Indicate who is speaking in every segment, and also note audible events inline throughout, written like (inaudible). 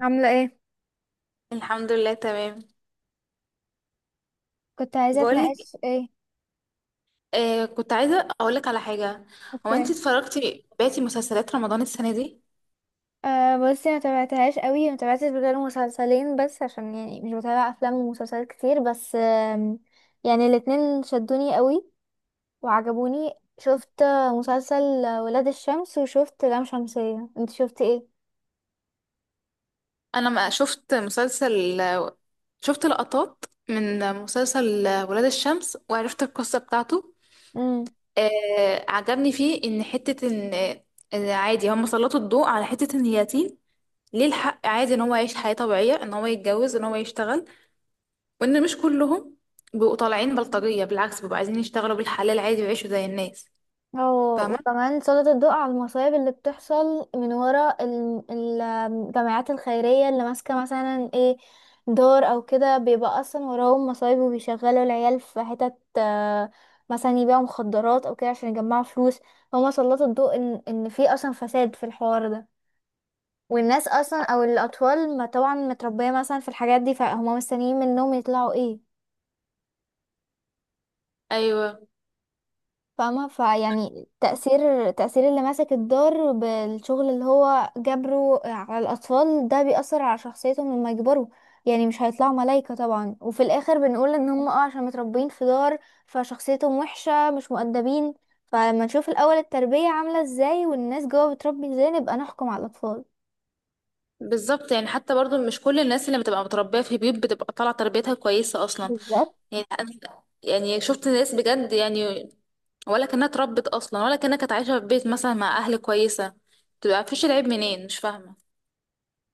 Speaker 1: عاملة ايه؟
Speaker 2: الحمد لله تمام.
Speaker 1: كنت عايزة
Speaker 2: بقولك.
Speaker 1: اتناقش ايه.
Speaker 2: آه، كنت عايزة أقولك على حاجة. هو أنت
Speaker 1: اوكي.
Speaker 2: اتفرجتي بقيتي مسلسلات رمضان السنة دي؟
Speaker 1: آه بصي، ما تابعتهاش قوي، ما تابعتش غير مسلسلين بس عشان يعني مش بتابع افلام ومسلسلات كتير، بس يعني الاتنين شدوني قوي وعجبوني. شفت مسلسل ولاد الشمس وشفت لام شمسية، انت شفت
Speaker 2: أنا ما شفت مسلسل، شفت لقطات من مسلسل ولاد الشمس وعرفت القصة بتاعته.
Speaker 1: ايه؟
Speaker 2: آه، عجبني فيه إن حتة إن عادي هم سلطوا الضوء على حتة إن اليتيم، ليه الحق عادي إن هو يعيش حياة طبيعية، إن هو يتجوز، إن هو يشتغل، وإن مش كلهم بيبقوا طالعين بلطجية، بالعكس بيبقوا عايزين يشتغلوا بالحلال عادي ويعيشوا زي الناس.
Speaker 1: اه، وكمان سلط الضوء على المصايب اللي بتحصل من ورا الجمعيات الخيرية اللي ماسكة مثلا ايه، دار او كده، بيبقى اصلا وراهم مصايب وبيشغلوا العيال في حتت مثلا يبيعوا مخدرات او كده عشان يجمعوا فلوس. هما سلطوا الضوء ان في اصلا فساد في الحوار ده، والناس اصلا او الاطفال ما طبعا متربية مثلا في الحاجات دي، فهم مستنيين منهم يطلعوا ايه؟
Speaker 2: ايوه،
Speaker 1: فاهمة؟ فيعني تأثير اللي ماسك الدار بالشغل اللي هو جبره على الأطفال، ده بيأثر على شخصيتهم لما يكبروا. يعني مش هيطلعوا ملايكة طبعا، وفي الآخر بنقول إن هم اه عشان متربيين في دار فشخصيتهم وحشة، مش مؤدبين. فلما نشوف الأول التربية عاملة ازاي والناس جوا بتربي ازاي، نبقى نحكم على الأطفال
Speaker 2: بالظبط يعني، حتى برضو مش كل الناس اللي بتبقى متربيه في بيوت بتبقى طالعه تربيتها كويسه اصلا.
Speaker 1: بالذات.
Speaker 2: يعني يعني شفت ناس بجد يعني، ولا كانها اتربت اصلا، ولا كانها كانت عايشه في بيت مثلا مع اهل كويسه، بتبقى مفيش، العيب منين مش فاهمه.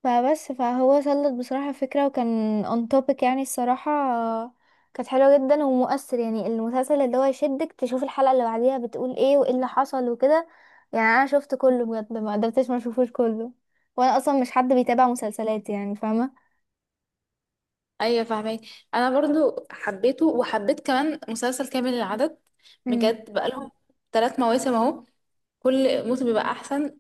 Speaker 1: فبس، فهو سلط بصراحة فكرة وكان on topic يعني، الصراحة كانت حلوة جدا ومؤثر، يعني المسلسل اللي هو يشدك تشوف الحلقة اللي بعديها بتقول ايه وايه اللي حصل وكده. يعني انا شفت كله بجد، ما قدرتش ما اشوفوش كله، وانا اصلا مش حد بيتابع مسلسلات يعني، فاهمة؟
Speaker 2: ايوه فاهمك. انا برضو حبيته، وحبيت كمان مسلسل كامل العدد،
Speaker 1: مم.
Speaker 2: بجد. بقالهم 3 مواسم اهو، كل موسم بيبقى احسن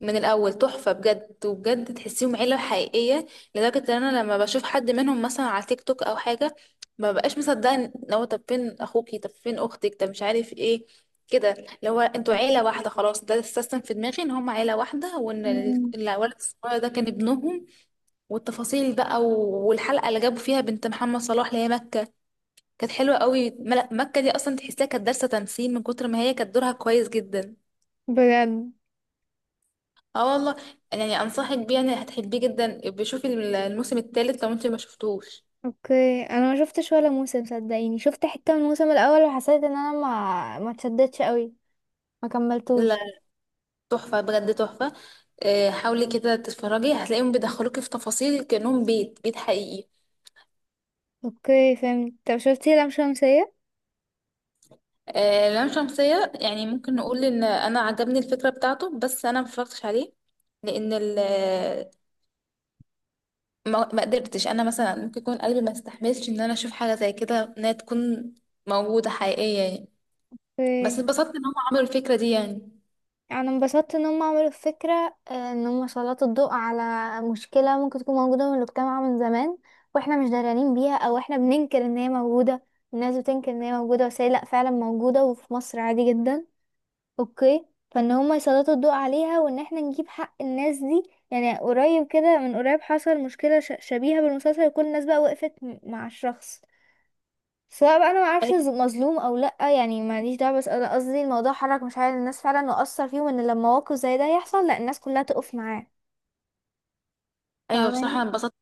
Speaker 2: من الاول، تحفه بجد، وبجد تحسيهم عيله حقيقيه. لدرجه ان انا لما بشوف حد منهم مثلا على تيك توك او حاجه، ما بقاش مصدقه، ان هو طب فين اخوكي، طب فين اختك، طب مش عارف ايه، كده، اللي هو انتوا عيله واحده خلاص، ده السيستم في دماغي، ان هم عيله واحده، وان
Speaker 1: مم.
Speaker 2: الولد الصغير ده كان ابنهم. والتفاصيل بقى، والحلقه اللي جابوا فيها بنت محمد صلاح اللي هي مكه، كانت حلوة قوي. مكة دي اصلا تحسها كانت دارسة تمثيل، من كتر ما هي كانت دورها كويس جدا.
Speaker 1: بجد.
Speaker 2: اه والله، يعني انصحك بيه، يعني هتحبيه جدا. بشوفي الموسم الثالث لو انت ما شفتوش.
Speaker 1: اوكي، انا ما شفتش ولا موسم، صدقيني شفت حتة من الموسم الاول وحسيت ان انا ما اتشدتش قوي، ما
Speaker 2: لا،
Speaker 1: كملتوش.
Speaker 2: تحفة بجد، تحفة. حاولي كده تتفرجي، هتلاقيهم بيدخلوكي في تفاصيل كأنهم بيت بيت حقيقي.
Speaker 1: اوكي فهمت. طب شفتي لام شمسية؟
Speaker 2: آه، لام شمسية، يعني ممكن نقول ان انا عجبني الفكرة بتاعته، بس انا ما اتفرجتش عليه. لان ما قدرتش. انا مثلا ممكن يكون قلبي ما استحملش ان انا اشوف حاجة زي كده، انها تكون موجودة حقيقية يعني. بس
Speaker 1: اوكي،
Speaker 2: اتبسطت ان هم عملوا الفكرة دي يعني.
Speaker 1: يعني انبسطت ان هم عملوا الفكرة، ان هم سلطوا الضوء على مشكلة ممكن تكون موجودة من المجتمع من زمان، واحنا مش درانين بيها او احنا بننكر ان هي موجودة. الناس بتنكر ان هي موجودة، بس هي لا، فعلا موجودة وفي مصر عادي جدا. اوكي. فان هم يسلطوا الضوء عليها وان احنا نجيب حق الناس دي. يعني قريب كده، من قريب حصل مشكلة شبيهة بالمسلسل وكل الناس بقى وقفت مع الشخص، سواء بقى انا ما اعرفش
Speaker 2: ايوه،
Speaker 1: مظلوم او لا يعني، ماليش دعوه، بس انا قصدي الموضوع حرك مشاعر الناس فعلا واثر فيهم ان لما موقف زي ده يحصل لا الناس كلها تقف معاه.
Speaker 2: أيوة، بصراحة
Speaker 1: فاهماني؟
Speaker 2: انا اتبسطت.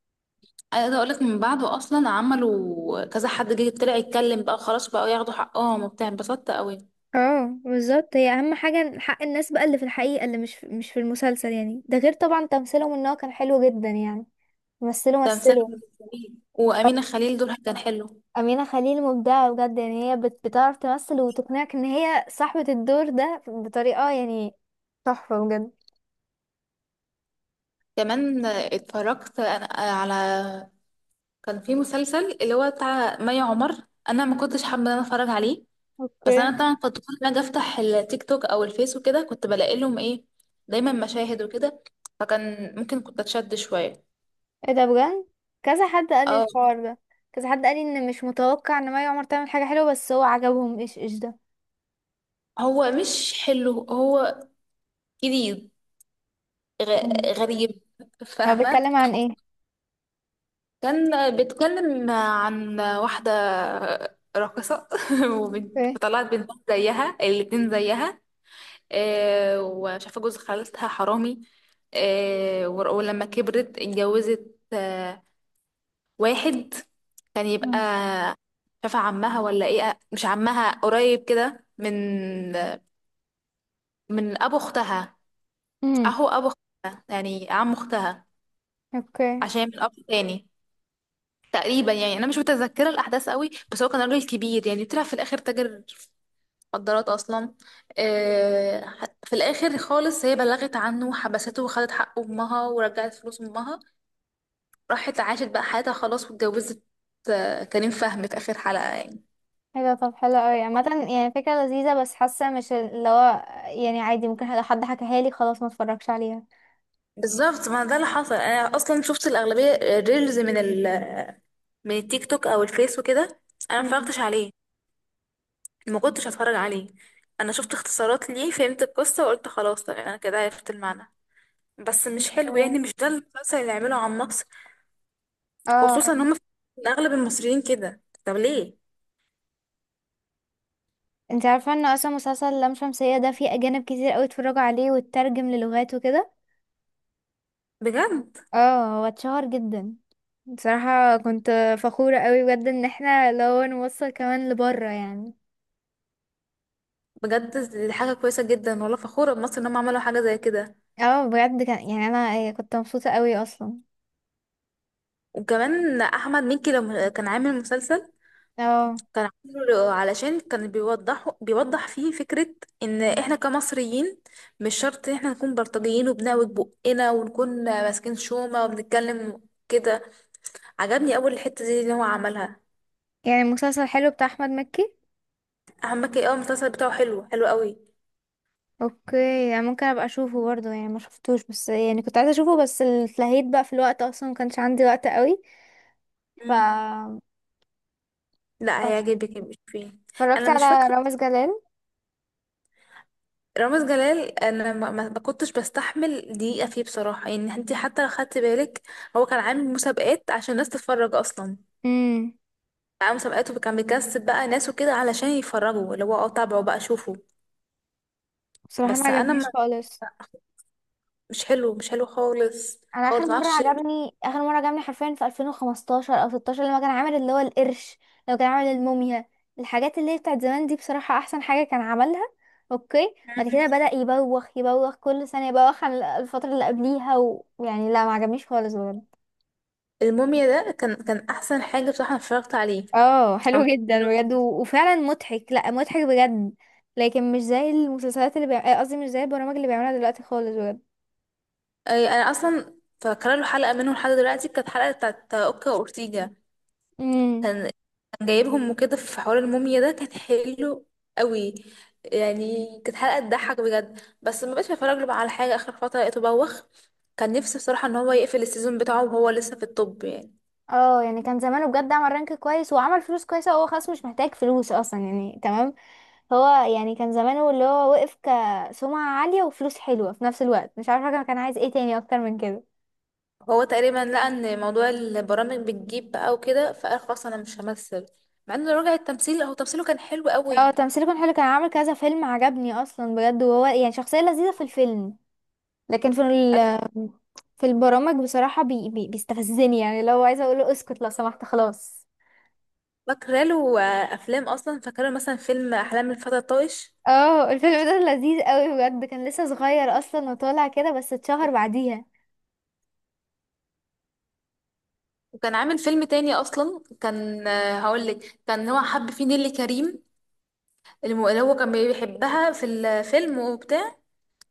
Speaker 2: عايزه اقول لك، من بعده اصلا عملوا كذا حد جه طلع يتكلم بقى، خلاص بقوا ياخدوا حقهم وبتاع، انبسطت قوي.
Speaker 1: اه بالظبط، هي اهم حاجة حق الناس بقى اللي في الحقيقة اللي مش في المسلسل يعني، ده غير طبعا تمثيلهم ان هو كان حلو جدا يعني. مثلوا
Speaker 2: تمثال
Speaker 1: مثلوا
Speaker 2: جميل، وامينه خليل دورها كان حلو.
Speaker 1: امينه خليل مبدعه بجد يعني، هي بتعرف تمثل وتقنعك ان هي صاحبه الدور ده بطريقه يعني، تحفه بجد.
Speaker 2: كمان اتفرجت انا على، كان في مسلسل اللي هو بتاع مي عمر، انا ما كنتش حابه ان انا اتفرج عليه،
Speaker 1: اوكي.
Speaker 2: بس انا طبعا كنت كل ما اجي افتح التيك توك او الفيس وكده كنت بلاقي لهم ايه، دايما مشاهد وكده، فكان ممكن كنت اتشد شويه.
Speaker 1: ايه ده بجد؟ كذا حد قال لي
Speaker 2: اه،
Speaker 1: الحوار ده. كذا حد قال لي ان مش متوقع ان مي عمر تعمل حاجه حلوه، بس هو عجبهم. ايش ده؟
Speaker 2: هو مش حلو، هو جديد،
Speaker 1: مم.
Speaker 2: غريب.
Speaker 1: هو
Speaker 2: فاهمة.
Speaker 1: بيتكلم عن ايه؟
Speaker 2: كان بيتكلم عن واحدة راقصة (laughs)
Speaker 1: اوكي.
Speaker 2: فطلعت بنت زيها، الاتنين زيها. وشافة جوز خالتها حرامي. ولما كبرت اتجوزت واحد، كان يبقى
Speaker 1: مم.
Speaker 2: شافة عمها، ولا ايه؟ مش عمها، قريب كده، من ابو اختها،
Speaker 1: امم.
Speaker 2: اهو ابو اختها يعني عم اختها،
Speaker 1: اوكي.
Speaker 2: عشان من اب تاني. تقريبا يعني انا مش متذكره الاحداث قوي، بس هو كان راجل كبير، يعني طلع في الاخر تاجر في مخدرات اصلا. آه، في الاخر خالص هي بلغت عنه وحبسته، وخدت حق امها، ورجعت فلوس امها، راحت عاشت بقى حياتها خلاص، واتجوزت كريم فهمي في اخر حلقه يعني.
Speaker 1: ايه ده؟ طب حلو قوي عامه، يعني فكره لذيذه، بس حاسه مش اللي هو، يعني عادي ممكن لو حد حكاها لي خلاص ما اتفرجش عليها.
Speaker 2: بالظبط، ما ده اللي حصل، انا اصلا شفت الاغلبيه ريلز من التيك توك او الفيس وكده، انا ما
Speaker 1: مم.
Speaker 2: اتفرجتش عليه، ما كنتش هتفرج عليه. انا شفت اختصارات ليه، فهمت القصه وقلت خلاص تمام، انا كده عرفت المعنى. بس مش حلو يعني، مش ده المسلسل اللي يعمله عن مصر، خصوصا ان
Speaker 1: اه،
Speaker 2: هم إن اغلب المصريين كده، طب ليه؟
Speaker 1: انت عارفه ان اصلا مسلسل لام شمسيه ده فيه اجانب كتير قوي اتفرجوا عليه واترجم للغات وكده؟
Speaker 2: بجد،
Speaker 1: اه هو اتشهر جدا، بصراحة كنت فخورة قوي بجد ان احنا لو نوصل كمان لبره يعني.
Speaker 2: بجد دي حاجه كويسه جدا والله، فخوره بمصر ان هم عملوا حاجه زي كده.
Speaker 1: اه بجد، كان يعني انا كنت مبسوطة قوي اصلا.
Speaker 2: وكمان احمد مكي لما كان عامل مسلسل،
Speaker 1: اه.
Speaker 2: كان عامله علشان كان بيوضح فيه فكره، ان احنا كمصريين مش شرط ان احنا نكون بلطجيين وبنعوج بقنا ونكون ماسكين شومه وبنتكلم كده. عجبني اول الحته دي اللي هو عملها.
Speaker 1: يعني المسلسل حلو بتاع احمد مكي؟
Speaker 2: احمد مكي اول المسلسل بتاعه حلو، حلو قوي.
Speaker 1: اوكي، يعني ممكن ابقى اشوفه برضه يعني، ما شفتوش بس يعني كنت عايزة اشوفه، بس اتلهيت بقى، في الوقت اصلا ما كانش عندي وقت قوي.
Speaker 2: مم.
Speaker 1: ف
Speaker 2: لا،
Speaker 1: بس
Speaker 2: هيعجبك، مش فيه.
Speaker 1: اتفرجت
Speaker 2: انا مش فاكره.
Speaker 1: على رامز جلال.
Speaker 2: رامز جلال، انا ما كنتش بستحمل دقيقه فيه بصراحه، يعني انت حتى لو خدت بالك، هو كان عامل مسابقات عشان الناس تتفرج اصلا،
Speaker 1: امم.
Speaker 2: عامل مسابقات وكان بيكسب بقى ناس وكده علشان يتفرجوا اللي هو، تابعوا بقى شوفوا.
Speaker 1: بصراحة ما
Speaker 2: بس انا
Speaker 1: عجبنيش
Speaker 2: ما
Speaker 1: خالص.
Speaker 2: مش حلو، مش حلو، خالص
Speaker 1: انا اخر
Speaker 2: خالص،
Speaker 1: مره
Speaker 2: معرفش.
Speaker 1: عجبني، اخر مره عجبني حرفيا في 2015 او 16، لما كان عامل اللي هو القرش، لو كان عامل الموميا، الحاجات اللي هي بتاعت زمان دي، بصراحه احسن حاجه كان عملها. اوكي بعد كده بدأ يبوخ، يبوخ كل سنه يبوخ عن الفتره اللي قبليها، ويعني لا، ما عجبنيش خالص بجد.
Speaker 2: الموميا ده كان احسن حاجه بصراحه، انا اتفرجت عليه.
Speaker 1: اه
Speaker 2: كان-
Speaker 1: حلو جدا بجد، و... وفعلا مضحك، لا مضحك بجد. لكن مش زي المسلسلات اللي بيع، قصدي مش زي البرامج اللي بيعملها دلوقتي خالص بجد.
Speaker 2: انا اصلا فاكره له حلقه منه لحد دلوقتي، كانت حلقه بتاعت اوكا واورتيجا،
Speaker 1: امم.
Speaker 2: كان كان جايبهم وكده في حوار، الموميا ده كان حلو قوي، يعني كانت حلقة تضحك بجد، بس ما بقتش بتفرج له بقى على حاجة، آخر فترة لقيته بوخ. كان نفسي بصراحة ان هو يقفل السيزون بتاعه وهو لسه في الطب يعني.
Speaker 1: اه يعني كان زمانه بجد، عمل رانك كويس وعمل فلوس كويسة، وهو خلاص مش محتاج فلوس اصلا يعني، تمام. هو يعني كان زمانه اللي هو وقف كسمعة عالية وفلوس حلوة في نفس الوقت، مش عارفة كان عايز ايه تاني اكتر من كده.
Speaker 2: هو تقريبا لقى ان موضوع البرامج بتجيب بقى وكده، فقال خلاص انا مش همثل، مع انه رجع التمثيل، هو تمثيله كان حلو
Speaker 1: اه
Speaker 2: قوي.
Speaker 1: تمثيله كان حلو، كان عامل كذا فيلم عجبني اصلا بجد، وهو يعني شخصية لذيذة في الفيلم. لكن في
Speaker 2: أي-
Speaker 1: ال، في البرامج بصراحة بي بي بيستفزني يعني لو عايزة اقوله اسكت لو سمحت خلاص.
Speaker 2: فاكره له افلام اصلا، فاكره له مثلا فيلم احلام الفتى الطائش.
Speaker 1: اه الفيلم ده لذيذ قوي بجد، كان لسه صغير اصلا وطالع كده بس اتشهر بعديها.
Speaker 2: وكان عامل فيلم تاني اصلا كان هقول لك، كان هو حب فيه نيللي كريم، اللي هو كان بيحبها في الفيلم وبتاع،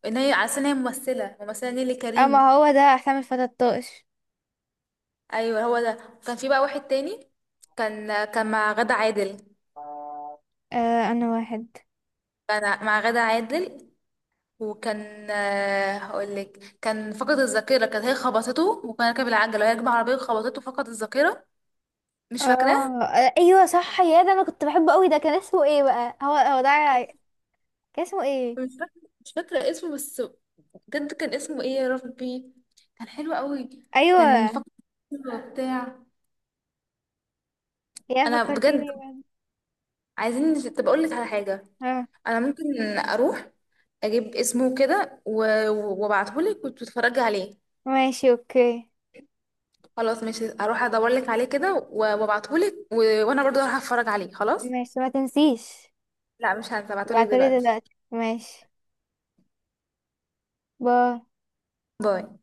Speaker 2: ان هي على أساس ان هي ممثله نيلي كريم.
Speaker 1: اما هو ده احسام الفتى الطائش.
Speaker 2: ايوه، هو ده. كان في بقى واحد تاني، كان مع غادة عادل،
Speaker 1: آه انا واحد.
Speaker 2: كان مع غادة عادل، وكان هقول لك، كان فقد الذاكره، كانت هي خبطته وكان راكب العجله وهي راكبه عربيه، خبطته فقد الذاكره. مش فاكراه،
Speaker 1: اه ايوه صح، يا ده انا كنت بحبه قوي، ده كان اسمه ايه بقى؟ هو هو ده، كان اسمه ايه؟
Speaker 2: مش فاكره اسمه بس، بجد كان اسمه ايه يا ربي، كان حلو قوي. كان
Speaker 1: ايوه.
Speaker 2: فقد الذاكرة وبتاع.
Speaker 1: يا
Speaker 2: انا بجد
Speaker 1: فكرتيني بقى.
Speaker 2: عايزين، طب اقول لك على حاجه،
Speaker 1: اه.
Speaker 2: انا ممكن اروح اجيب اسمه كده وابعته لك وتتفرجي عليه.
Speaker 1: ماشي اوكي.
Speaker 2: خلاص ماشي، اروح ادور لك عليه كده وابعته لك وانا برضو هروح اتفرج عليه خلاص.
Speaker 1: ماشي ما تنسيش.
Speaker 2: لا، مش هبعته لك
Speaker 1: ابعتلي
Speaker 2: دلوقتي.
Speaker 1: دلوقتي ماشي. باي.
Speaker 2: باي.